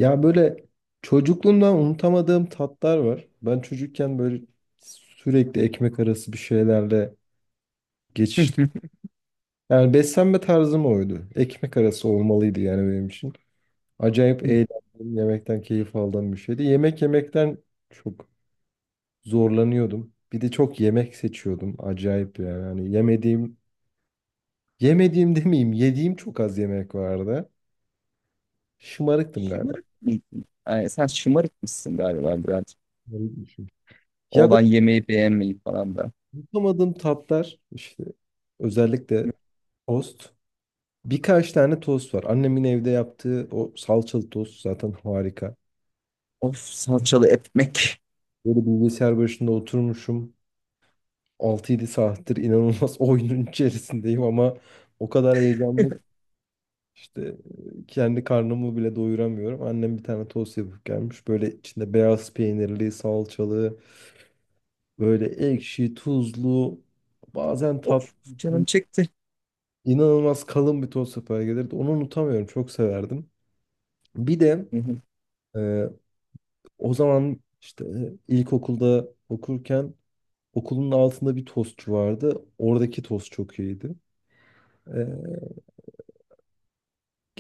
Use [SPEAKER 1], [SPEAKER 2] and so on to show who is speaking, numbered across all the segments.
[SPEAKER 1] Ya böyle çocukluğumdan unutamadığım tatlar var. Ben çocukken böyle sürekli ekmek arası bir şeylerle geçiştim. Yani beslenme tarzım oydu. Ekmek arası olmalıydı yani benim için. Acayip eğlendim, yemekten keyif aldığım bir şeydi. Yemek yemekten çok zorlanıyordum. Bir de çok yemek seçiyordum. Acayip yani. Hani yemediğim, yemediğim demeyeyim, yediğim çok az yemek vardı. Şımarıktım galiba.
[SPEAKER 2] Şımarık mıydın? Ay, sen şımarık mısın galiba biraz?
[SPEAKER 1] Şımarıkmışım. Ya,
[SPEAKER 2] Olan yemeği beğenmeyi falan da.
[SPEAKER 1] yapamadığım tatlar işte özellikle tost. Birkaç tane tost var. Annemin evde yaptığı o salçalı tost zaten harika.
[SPEAKER 2] Of salçalı ekmek.
[SPEAKER 1] Böyle bilgisayar başında oturmuşum. 6-7 saattir inanılmaz oyunun içerisindeyim, ama o kadar heyecanlı ki işte kendi karnımı bile doyuramıyorum. Annem bir tane tost yapıp gelmiş. Böyle içinde beyaz peynirli, salçalı, böyle ekşi, tuzlu, bazen tatlı.
[SPEAKER 2] Of, canım çekti.
[SPEAKER 1] İnanılmaz kalın bir toz sopaya gelirdi. Onu unutamıyorum. Çok severdim. Bir de
[SPEAKER 2] Hı hı.
[SPEAKER 1] e, o zaman işte ilkokulda okurken okulun altında bir tostçu vardı. Oradaki tost çok iyiydi. E,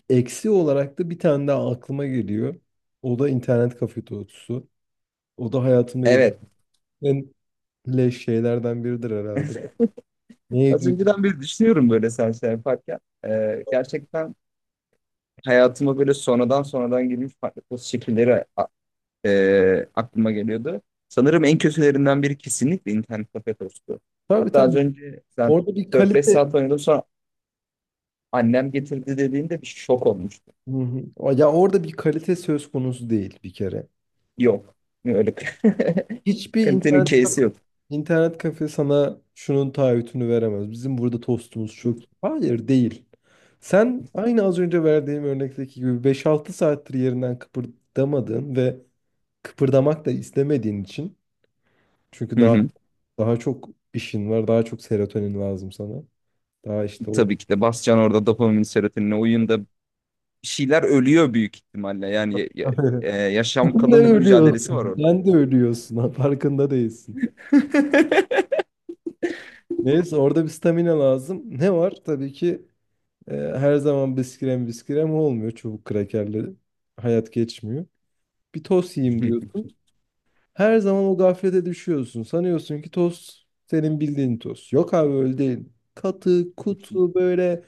[SPEAKER 1] Eksi olarak da bir tane daha aklıma geliyor. O da internet kafe tostusu. O da hayatımda yediğim
[SPEAKER 2] Evet.
[SPEAKER 1] en leş şeylerden biridir herhalde.
[SPEAKER 2] Az
[SPEAKER 1] Neydi?
[SPEAKER 2] önceden beri düşünüyorum böyle sen şey yaparken. Gerçekten hayatıma böyle sonradan sonradan girmiş farklı poz şekilleri aklıma geliyordu. Sanırım en kötülerinden biri kesinlikle internet kafe tostu.
[SPEAKER 1] Tabii,
[SPEAKER 2] Hatta az
[SPEAKER 1] tabii.
[SPEAKER 2] önce sen
[SPEAKER 1] Orada bir
[SPEAKER 2] 4-5
[SPEAKER 1] kalite.
[SPEAKER 2] saat oynadım sonra annem getirdi dediğinde bir şok olmuş.
[SPEAKER 1] Hı hı. Ya, orada bir kalite söz konusu değil bir kere.
[SPEAKER 2] Yok. Öyle
[SPEAKER 1] Hiçbir
[SPEAKER 2] kalitenin
[SPEAKER 1] internet
[SPEAKER 2] case'i yok.
[SPEAKER 1] İnternet kafe sana şunun taahhütünü veremez. Bizim burada tostumuz çok. Hayır, değil. Sen aynı az önce verdiğim örnekteki gibi 5-6 saattir yerinden kıpırdamadığın ve kıpırdamak da istemediğin için, çünkü
[SPEAKER 2] Hı
[SPEAKER 1] daha
[SPEAKER 2] hı.
[SPEAKER 1] daha çok işin var, daha çok serotonin lazım sana. Daha işte o.
[SPEAKER 2] Tabii ki de basacaksın orada dopamin serotonine, oyunda bir şeyler ölüyor büyük ihtimalle. Yani yaşam
[SPEAKER 1] Sen de
[SPEAKER 2] kalım mücadelesi var
[SPEAKER 1] ölüyorsun.
[SPEAKER 2] orada.
[SPEAKER 1] Sen de ölüyorsun. Farkında değilsin. Neyse, orada bir stamina lazım. Ne var? Tabii ki. Her zaman biskrem biskrem olmuyor. Çubuk krakerle hayat geçmiyor. Bir tost yiyeyim diyorsun. Her zaman o gaflete düşüyorsun. Sanıyorsun ki tost senin bildiğin tost. Yok abi, öyle değil. Katı, kutu, böyle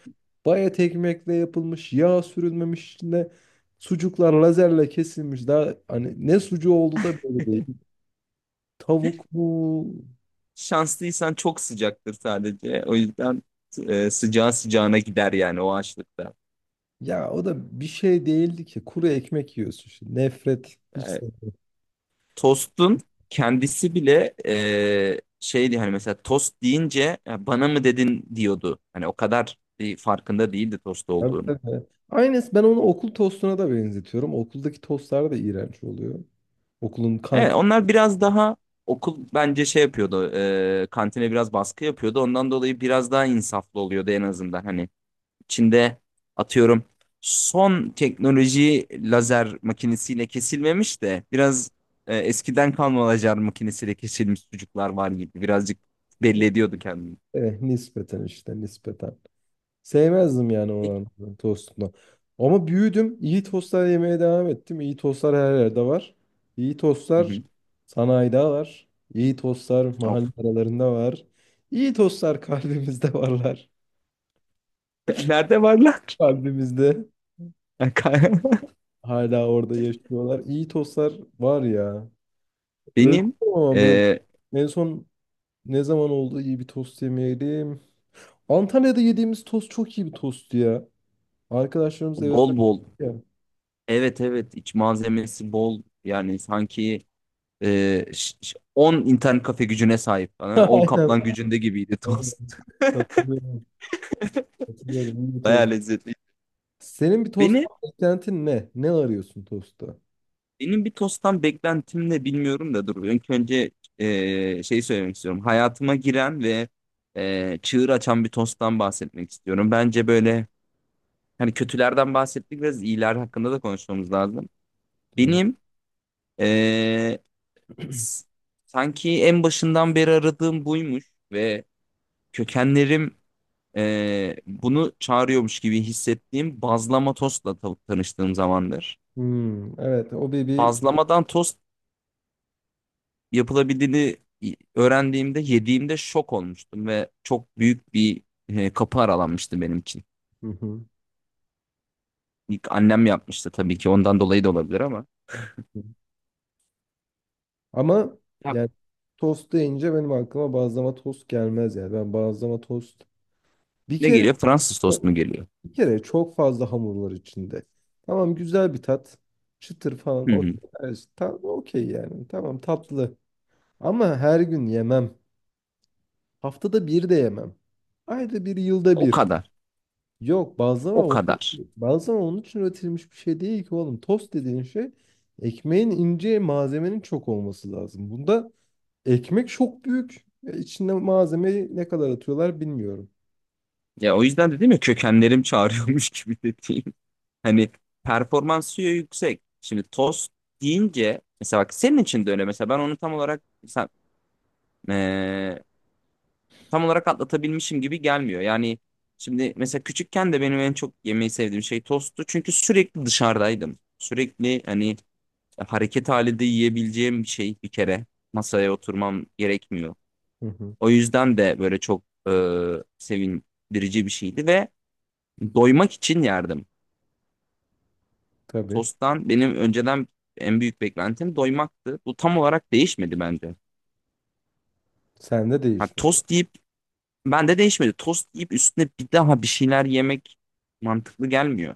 [SPEAKER 1] bayat ekmekle yapılmış, yağ sürülmemiş, içinde sucuklar lazerle kesilmiş. Daha hani ne sucuğu oldu da, böyle değil. Tavuk mu?
[SPEAKER 2] Şanslıysan çok sıcaktır sadece. O yüzden sıcağı sıcağına gider yani o açlıkta.
[SPEAKER 1] Ya, o da bir şey değildi ki. Kuru ekmek yiyorsun. Şimdi. Nefret. Hiç
[SPEAKER 2] E,
[SPEAKER 1] sevmem.
[SPEAKER 2] Tostun kendisi bile şeydi hani, mesela tost deyince "Ya bana mı dedin?" diyordu. Hani o kadar bir farkında değildi tost
[SPEAKER 1] Tabii,
[SPEAKER 2] olduğunu.
[SPEAKER 1] tabii. Aynısı, ben onu okul tostuna da benzetiyorum. Okuldaki tostlar da iğrenç oluyor. Okulun
[SPEAKER 2] Evet,
[SPEAKER 1] kant
[SPEAKER 2] onlar biraz daha okul bence şey yapıyordu. Kantine biraz baskı yapıyordu. Ondan dolayı biraz daha insaflı oluyordu en azından. Hani Çin'de atıyorum son teknoloji lazer makinesiyle kesilmemiş de biraz eskiden kalma lazer makinesiyle kesilmiş sucuklar var gibi. Birazcık belli ediyordu kendini.
[SPEAKER 1] Nispeten işte, nispeten. Sevmezdim yani
[SPEAKER 2] Peki.
[SPEAKER 1] olan tostunu. Ama büyüdüm. İyi tostlar yemeye devam ettim. İyi tostlar her yerde var. İyi
[SPEAKER 2] Hı
[SPEAKER 1] tostlar
[SPEAKER 2] hı.
[SPEAKER 1] sanayide var. İyi tostlar mahalle
[SPEAKER 2] Of.
[SPEAKER 1] aralarında var. İyi tostlar kalbimizde varlar.
[SPEAKER 2] Nerede varlar?
[SPEAKER 1] Kalbimizde hala orada yaşıyorlar. İyi tostlar var ya. Öldüm
[SPEAKER 2] Benim
[SPEAKER 1] ama böyle
[SPEAKER 2] e,
[SPEAKER 1] en son ne zaman oldu iyi bir tost yemeyelim. Antalya'da yediğimiz tost çok iyi bir tost ya. Arkadaşlarımız eve
[SPEAKER 2] bol
[SPEAKER 1] söyledi
[SPEAKER 2] bol.
[SPEAKER 1] ya.
[SPEAKER 2] Evet, evet, iç malzemesi bol. Yani sanki 10 internet kafe gücüne sahip falan. 10
[SPEAKER 1] Aynen.
[SPEAKER 2] kaplan gücünde gibiydi
[SPEAKER 1] Aynen.
[SPEAKER 2] tost.
[SPEAKER 1] Katılıyorum. Katılıyorum. İyi bir
[SPEAKER 2] Bayağı
[SPEAKER 1] tost.
[SPEAKER 2] lezzetli.
[SPEAKER 1] Senin bir tost
[SPEAKER 2] Beni,
[SPEAKER 1] beklentin ne? Ne arıyorsun tostta?
[SPEAKER 2] benim bir tosttan beklentim ne bilmiyorum da dur. İlk önce şey söylemek istiyorum. Hayatıma giren ve çığır açan bir tosttan bahsetmek istiyorum. Bence böyle hani kötülerden bahsettik, biraz iyiler hakkında da konuşmamız lazım.
[SPEAKER 1] Böyle.
[SPEAKER 2] Benim ee, s- sanki en başından beri aradığım buymuş ve kökenlerim bunu çağırıyormuş gibi hissettiğim bazlama tostla tanıştığım zamandır.
[SPEAKER 1] Hmm, evet, o bir.
[SPEAKER 2] Bazlamadan tost yapılabildiğini öğrendiğimde, yediğimde şok olmuştum ve çok büyük bir kapı aralanmıştı benim için.
[SPEAKER 1] Hı hı.
[SPEAKER 2] İlk annem yapmıştı tabii ki, ondan dolayı da olabilir ama.
[SPEAKER 1] Ama
[SPEAKER 2] Ya
[SPEAKER 1] yani tost deyince benim aklıma bazlama tost gelmez yani. Ben bazlama tost bir
[SPEAKER 2] ne
[SPEAKER 1] kere
[SPEAKER 2] geliyor? Fransız tost mu geliyor?
[SPEAKER 1] Bir kere çok fazla hamur var içinde. Tamam, güzel bir tat. Çıtır falan
[SPEAKER 2] Hı hı.
[SPEAKER 1] okey. Evet, ta- okey yani. Tamam, tatlı. Ama her gün yemem. Haftada bir de yemem. Ayda bir, yılda
[SPEAKER 2] O
[SPEAKER 1] bir.
[SPEAKER 2] kadar.
[SPEAKER 1] Yok,
[SPEAKER 2] O kadar.
[SPEAKER 1] bazlama onun için üretilmiş bir şey değil ki oğlum. Tost dediğin şey, ekmeğin ince, malzemenin çok olması lazım. Bunda ekmek çok büyük. E, İçinde malzemeyi ne kadar atıyorlar bilmiyorum.
[SPEAKER 2] Ya, o yüzden dedim ya kökenlerim çağırıyormuş gibi dediğim. Hani performansı yüksek. Şimdi tost deyince mesela bak senin için de öyle. Mesela ben onu tam olarak sen, eee, tam olarak atlatabilmişim gibi gelmiyor. Yani şimdi mesela küçükken de benim en çok yemeyi sevdiğim şey tosttu. Çünkü sürekli dışarıdaydım. Sürekli hani hareket halinde yiyebileceğim bir şey bir kere. Masaya oturmam gerekmiyor.
[SPEAKER 1] Hı hı.
[SPEAKER 2] O yüzden de böyle çok sevindirici bir şeydi ve doymak için yerdim.
[SPEAKER 1] Tabii.
[SPEAKER 2] Tost'tan benim önceden en büyük beklentim doymaktı. Bu tam olarak değişmedi bence.
[SPEAKER 1] Sende
[SPEAKER 2] Ha,
[SPEAKER 1] değişmez.
[SPEAKER 2] tost yiyip bende değişmedi. Tost yiyip üstüne bir daha bir şeyler yemek mantıklı gelmiyor.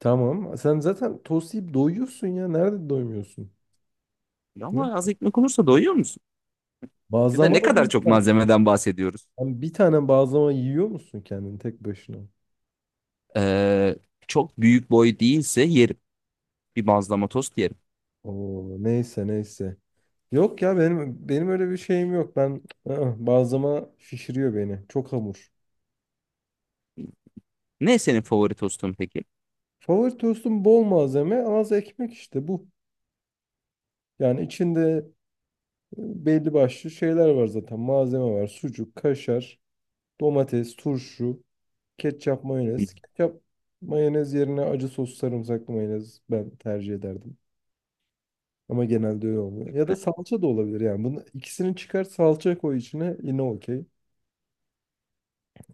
[SPEAKER 1] Tamam. Sen zaten tost yiyip doyuyorsun ya. Nerede doymuyorsun? Ne?
[SPEAKER 2] Ama az ekmek olursa doyuyor musun? Ya da ne
[SPEAKER 1] Bazlama da
[SPEAKER 2] kadar
[SPEAKER 1] mı?
[SPEAKER 2] çok
[SPEAKER 1] Tane.
[SPEAKER 2] malzemeden bahsediyoruz?
[SPEAKER 1] Bir tane bazlama yiyor musun kendin tek başına?
[SPEAKER 2] Ee, Çok büyük boy değilse yerim. Bir bazlama tost yerim.
[SPEAKER 1] Oo, neyse, neyse. Yok ya, benim öyle bir şeyim yok. Ben, bazlama şişiriyor beni. Çok hamur.
[SPEAKER 2] Ne senin favori tostun peki?
[SPEAKER 1] Favori tostum bol malzeme, az ekmek işte bu. Yani içinde belli başlı şeyler var zaten. Malzeme var. Sucuk, kaşar, domates, turşu. Ketçap,
[SPEAKER 2] Hı.
[SPEAKER 1] mayonez. Ketçap, mayonez yerine acı sos, sarımsaklı mayonez ben tercih ederdim. Ama genelde öyle olmuyor. Ya da salça da olabilir yani. Bunu ikisini çıkar, salça koy içine, yine okey.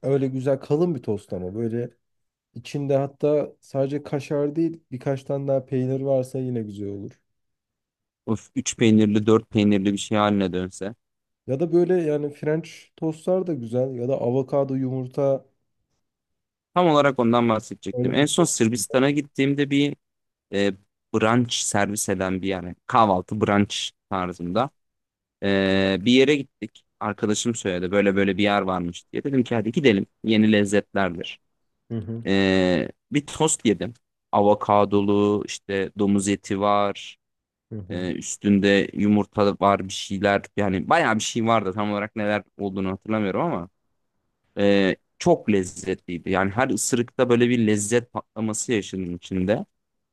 [SPEAKER 1] Öyle güzel kalın bir tost, ama böyle içinde hatta sadece kaşar değil birkaç tane daha peynir varsa yine güzel olur.
[SPEAKER 2] Of, üç peynirli, dört peynirli bir şey haline dönse.
[SPEAKER 1] Ya da böyle yani French tostlar da güzel, ya da avokado yumurta,
[SPEAKER 2] Tam olarak ondan bahsedecektim.
[SPEAKER 1] öyle
[SPEAKER 2] En
[SPEAKER 1] bir
[SPEAKER 2] son
[SPEAKER 1] tost.
[SPEAKER 2] Sırbistan'a gittiğimde bir e, brunch servis eden bir yer. Yani kahvaltı brunch tarzında. Bir yere gittik. Arkadaşım söyledi böyle böyle bir yer varmış diye. Dedim ki hadi gidelim. Yeni lezzetlerdir.
[SPEAKER 1] Hı hı,
[SPEAKER 2] Bir tost yedim. Avokadolu, işte domuz eti var.
[SPEAKER 1] hı hı.
[SPEAKER 2] Üstünde yumurta var, bir şeyler. Yani bayağı bir şey vardı. Tam olarak neler olduğunu hatırlamıyorum ama çok lezzetliydi. Yani her ısırıkta böyle bir lezzet patlaması yaşadım içinde,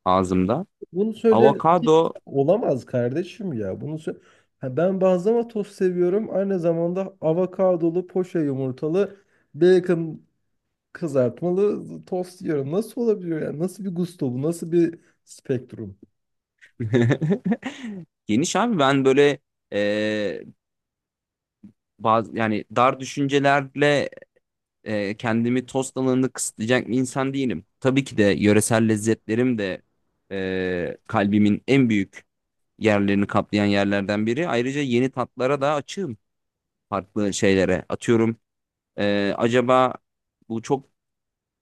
[SPEAKER 2] ağzımda.
[SPEAKER 1] Bunu söyleyen kimse
[SPEAKER 2] Avokado
[SPEAKER 1] olamaz kardeşim ya. Bunu sö-. Ha, ben bazlama tost seviyorum. Aynı zamanda avokadolu, poşe yumurtalı, bacon kızartmalı tost yiyorum. Nasıl olabiliyor ya? Nasıl bir gusto bu? Nasıl bir spektrum?
[SPEAKER 2] geniş abi. Ben böyle e, bazı yani dar düşüncelerle kendimi tost alanını kısıtlayacak bir insan değilim. Tabii ki de yöresel lezzetlerim de kalbimin en büyük yerlerini kaplayan yerlerden biri. Ayrıca yeni tatlara da açığım, farklı şeylere. Atıyorum acaba bu çok,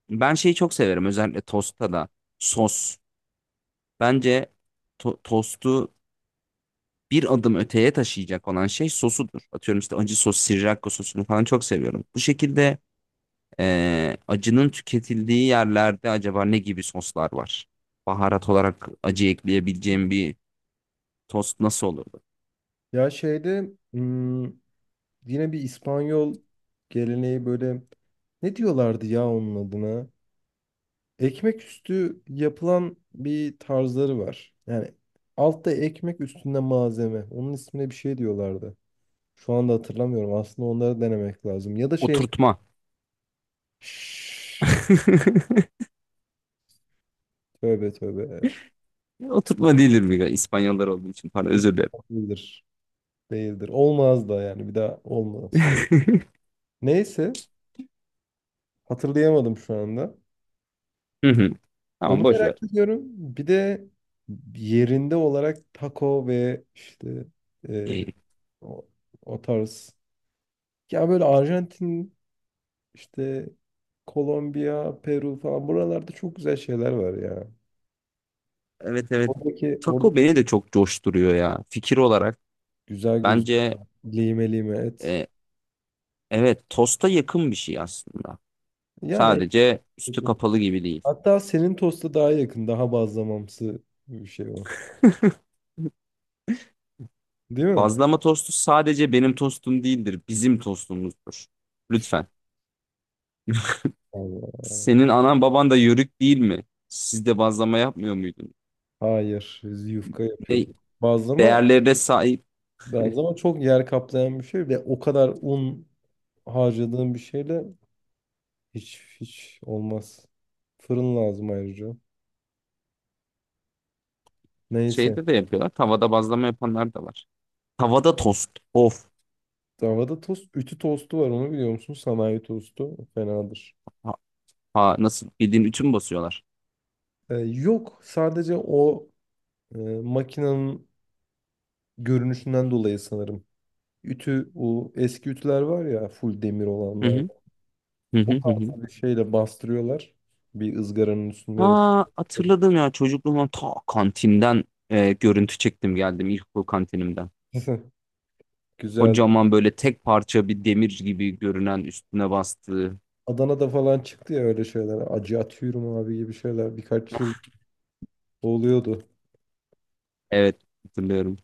[SPEAKER 2] ben şeyi çok severim özellikle tostta da: sos. Bence tostu bir adım öteye taşıyacak olan şey sosudur. Atıyorum işte acı sos, Sriracha sosunu falan çok seviyorum. Bu şekilde acının tüketildiği yerlerde acaba ne gibi soslar var? Baharat olarak acı ekleyebileceğim bir tost nasıl olurdu?
[SPEAKER 1] Ya şeyde, yine bir İspanyol geleneği, böyle ne diyorlardı ya onun adına? Ekmek üstü yapılan bir tarzları var. Yani altta ekmek, üstünde malzeme. Onun ismine bir şey diyorlardı. Şu anda hatırlamıyorum. Aslında onları denemek lazım. Ya da şey...
[SPEAKER 2] Oturtma.
[SPEAKER 1] Şşş, tövbe tövbe.
[SPEAKER 2] Oturtma değildir, bir İspanyollar olduğu için, pardon, özür dilerim.
[SPEAKER 1] Değildir. Değildir. Olmaz da yani. Bir daha olmaz. Neyse. Hatırlayamadım şu anda.
[SPEAKER 2] Hı hı. Tamam,
[SPEAKER 1] Onu
[SPEAKER 2] boş
[SPEAKER 1] merak
[SPEAKER 2] ver.
[SPEAKER 1] ediyorum. Bir de yerinde olarak taco ve işte e,
[SPEAKER 2] İyi.
[SPEAKER 1] o, o tarz. Ya böyle Arjantin işte, Kolombiya, Peru falan, buralarda çok güzel şeyler var ya.
[SPEAKER 2] Evet, evet.
[SPEAKER 1] Orada
[SPEAKER 2] Taco beni de çok coşturuyor ya. Fikir olarak
[SPEAKER 1] güzel göz
[SPEAKER 2] bence
[SPEAKER 1] lime lime et.
[SPEAKER 2] e, evet, tosta yakın bir şey aslında.
[SPEAKER 1] Yani
[SPEAKER 2] Sadece üstü kapalı gibi değil.
[SPEAKER 1] hatta senin tosta daha yakın, daha bazlamamsı bir şey o. Değil mi?
[SPEAKER 2] Bazlama tostu sadece benim tostum değildir, bizim tostumuzdur. Lütfen.
[SPEAKER 1] Allah.
[SPEAKER 2] Senin anan baban da yörük değil mi? Siz de bazlama yapmıyor muydunuz?
[SPEAKER 1] Hayır, biz yufka
[SPEAKER 2] Ne
[SPEAKER 1] yapıyorduk. Bazlama,
[SPEAKER 2] değerlerine sahip
[SPEAKER 1] bazlama çok yer kaplayan bir şey ve o kadar un harcadığın bir şeyle hiç olmaz. Fırın lazım ayrıca. Neyse.
[SPEAKER 2] şeyde de yapıyorlar. Tavada bazlama yapanlar da var. Tavada tost. Of.
[SPEAKER 1] Davada tost, ütü tostu var, onu biliyor musun? Sanayi tostu fenadır.
[SPEAKER 2] Ha, ha, nasıl, bildiğin ütü mü basıyorlar?
[SPEAKER 1] Yok, sadece o makinenin görünüşünden dolayı sanırım. Ütü, o eski ütüler var ya, full demir
[SPEAKER 2] Hı
[SPEAKER 1] olanlar.
[SPEAKER 2] hı. Hı hı
[SPEAKER 1] O
[SPEAKER 2] hı hı.
[SPEAKER 1] tarz bir şeyle bastırıyorlar. Bir ızgaranın üstünde
[SPEAKER 2] Aa,
[SPEAKER 1] yapıyorlar.
[SPEAKER 2] hatırladım ya çocukluğumdan, ta kantinden görüntü çektim geldim ilkokul kantinimden.
[SPEAKER 1] Güzel.
[SPEAKER 2] Kocaman böyle tek parça bir demir gibi görünen üstüne bastığı.
[SPEAKER 1] Adana'da falan çıktı ya öyle şeyler. Acı atıyorum abi gibi şeyler. Birkaç yıl oluyordu.
[SPEAKER 2] Evet, hatırlıyorum.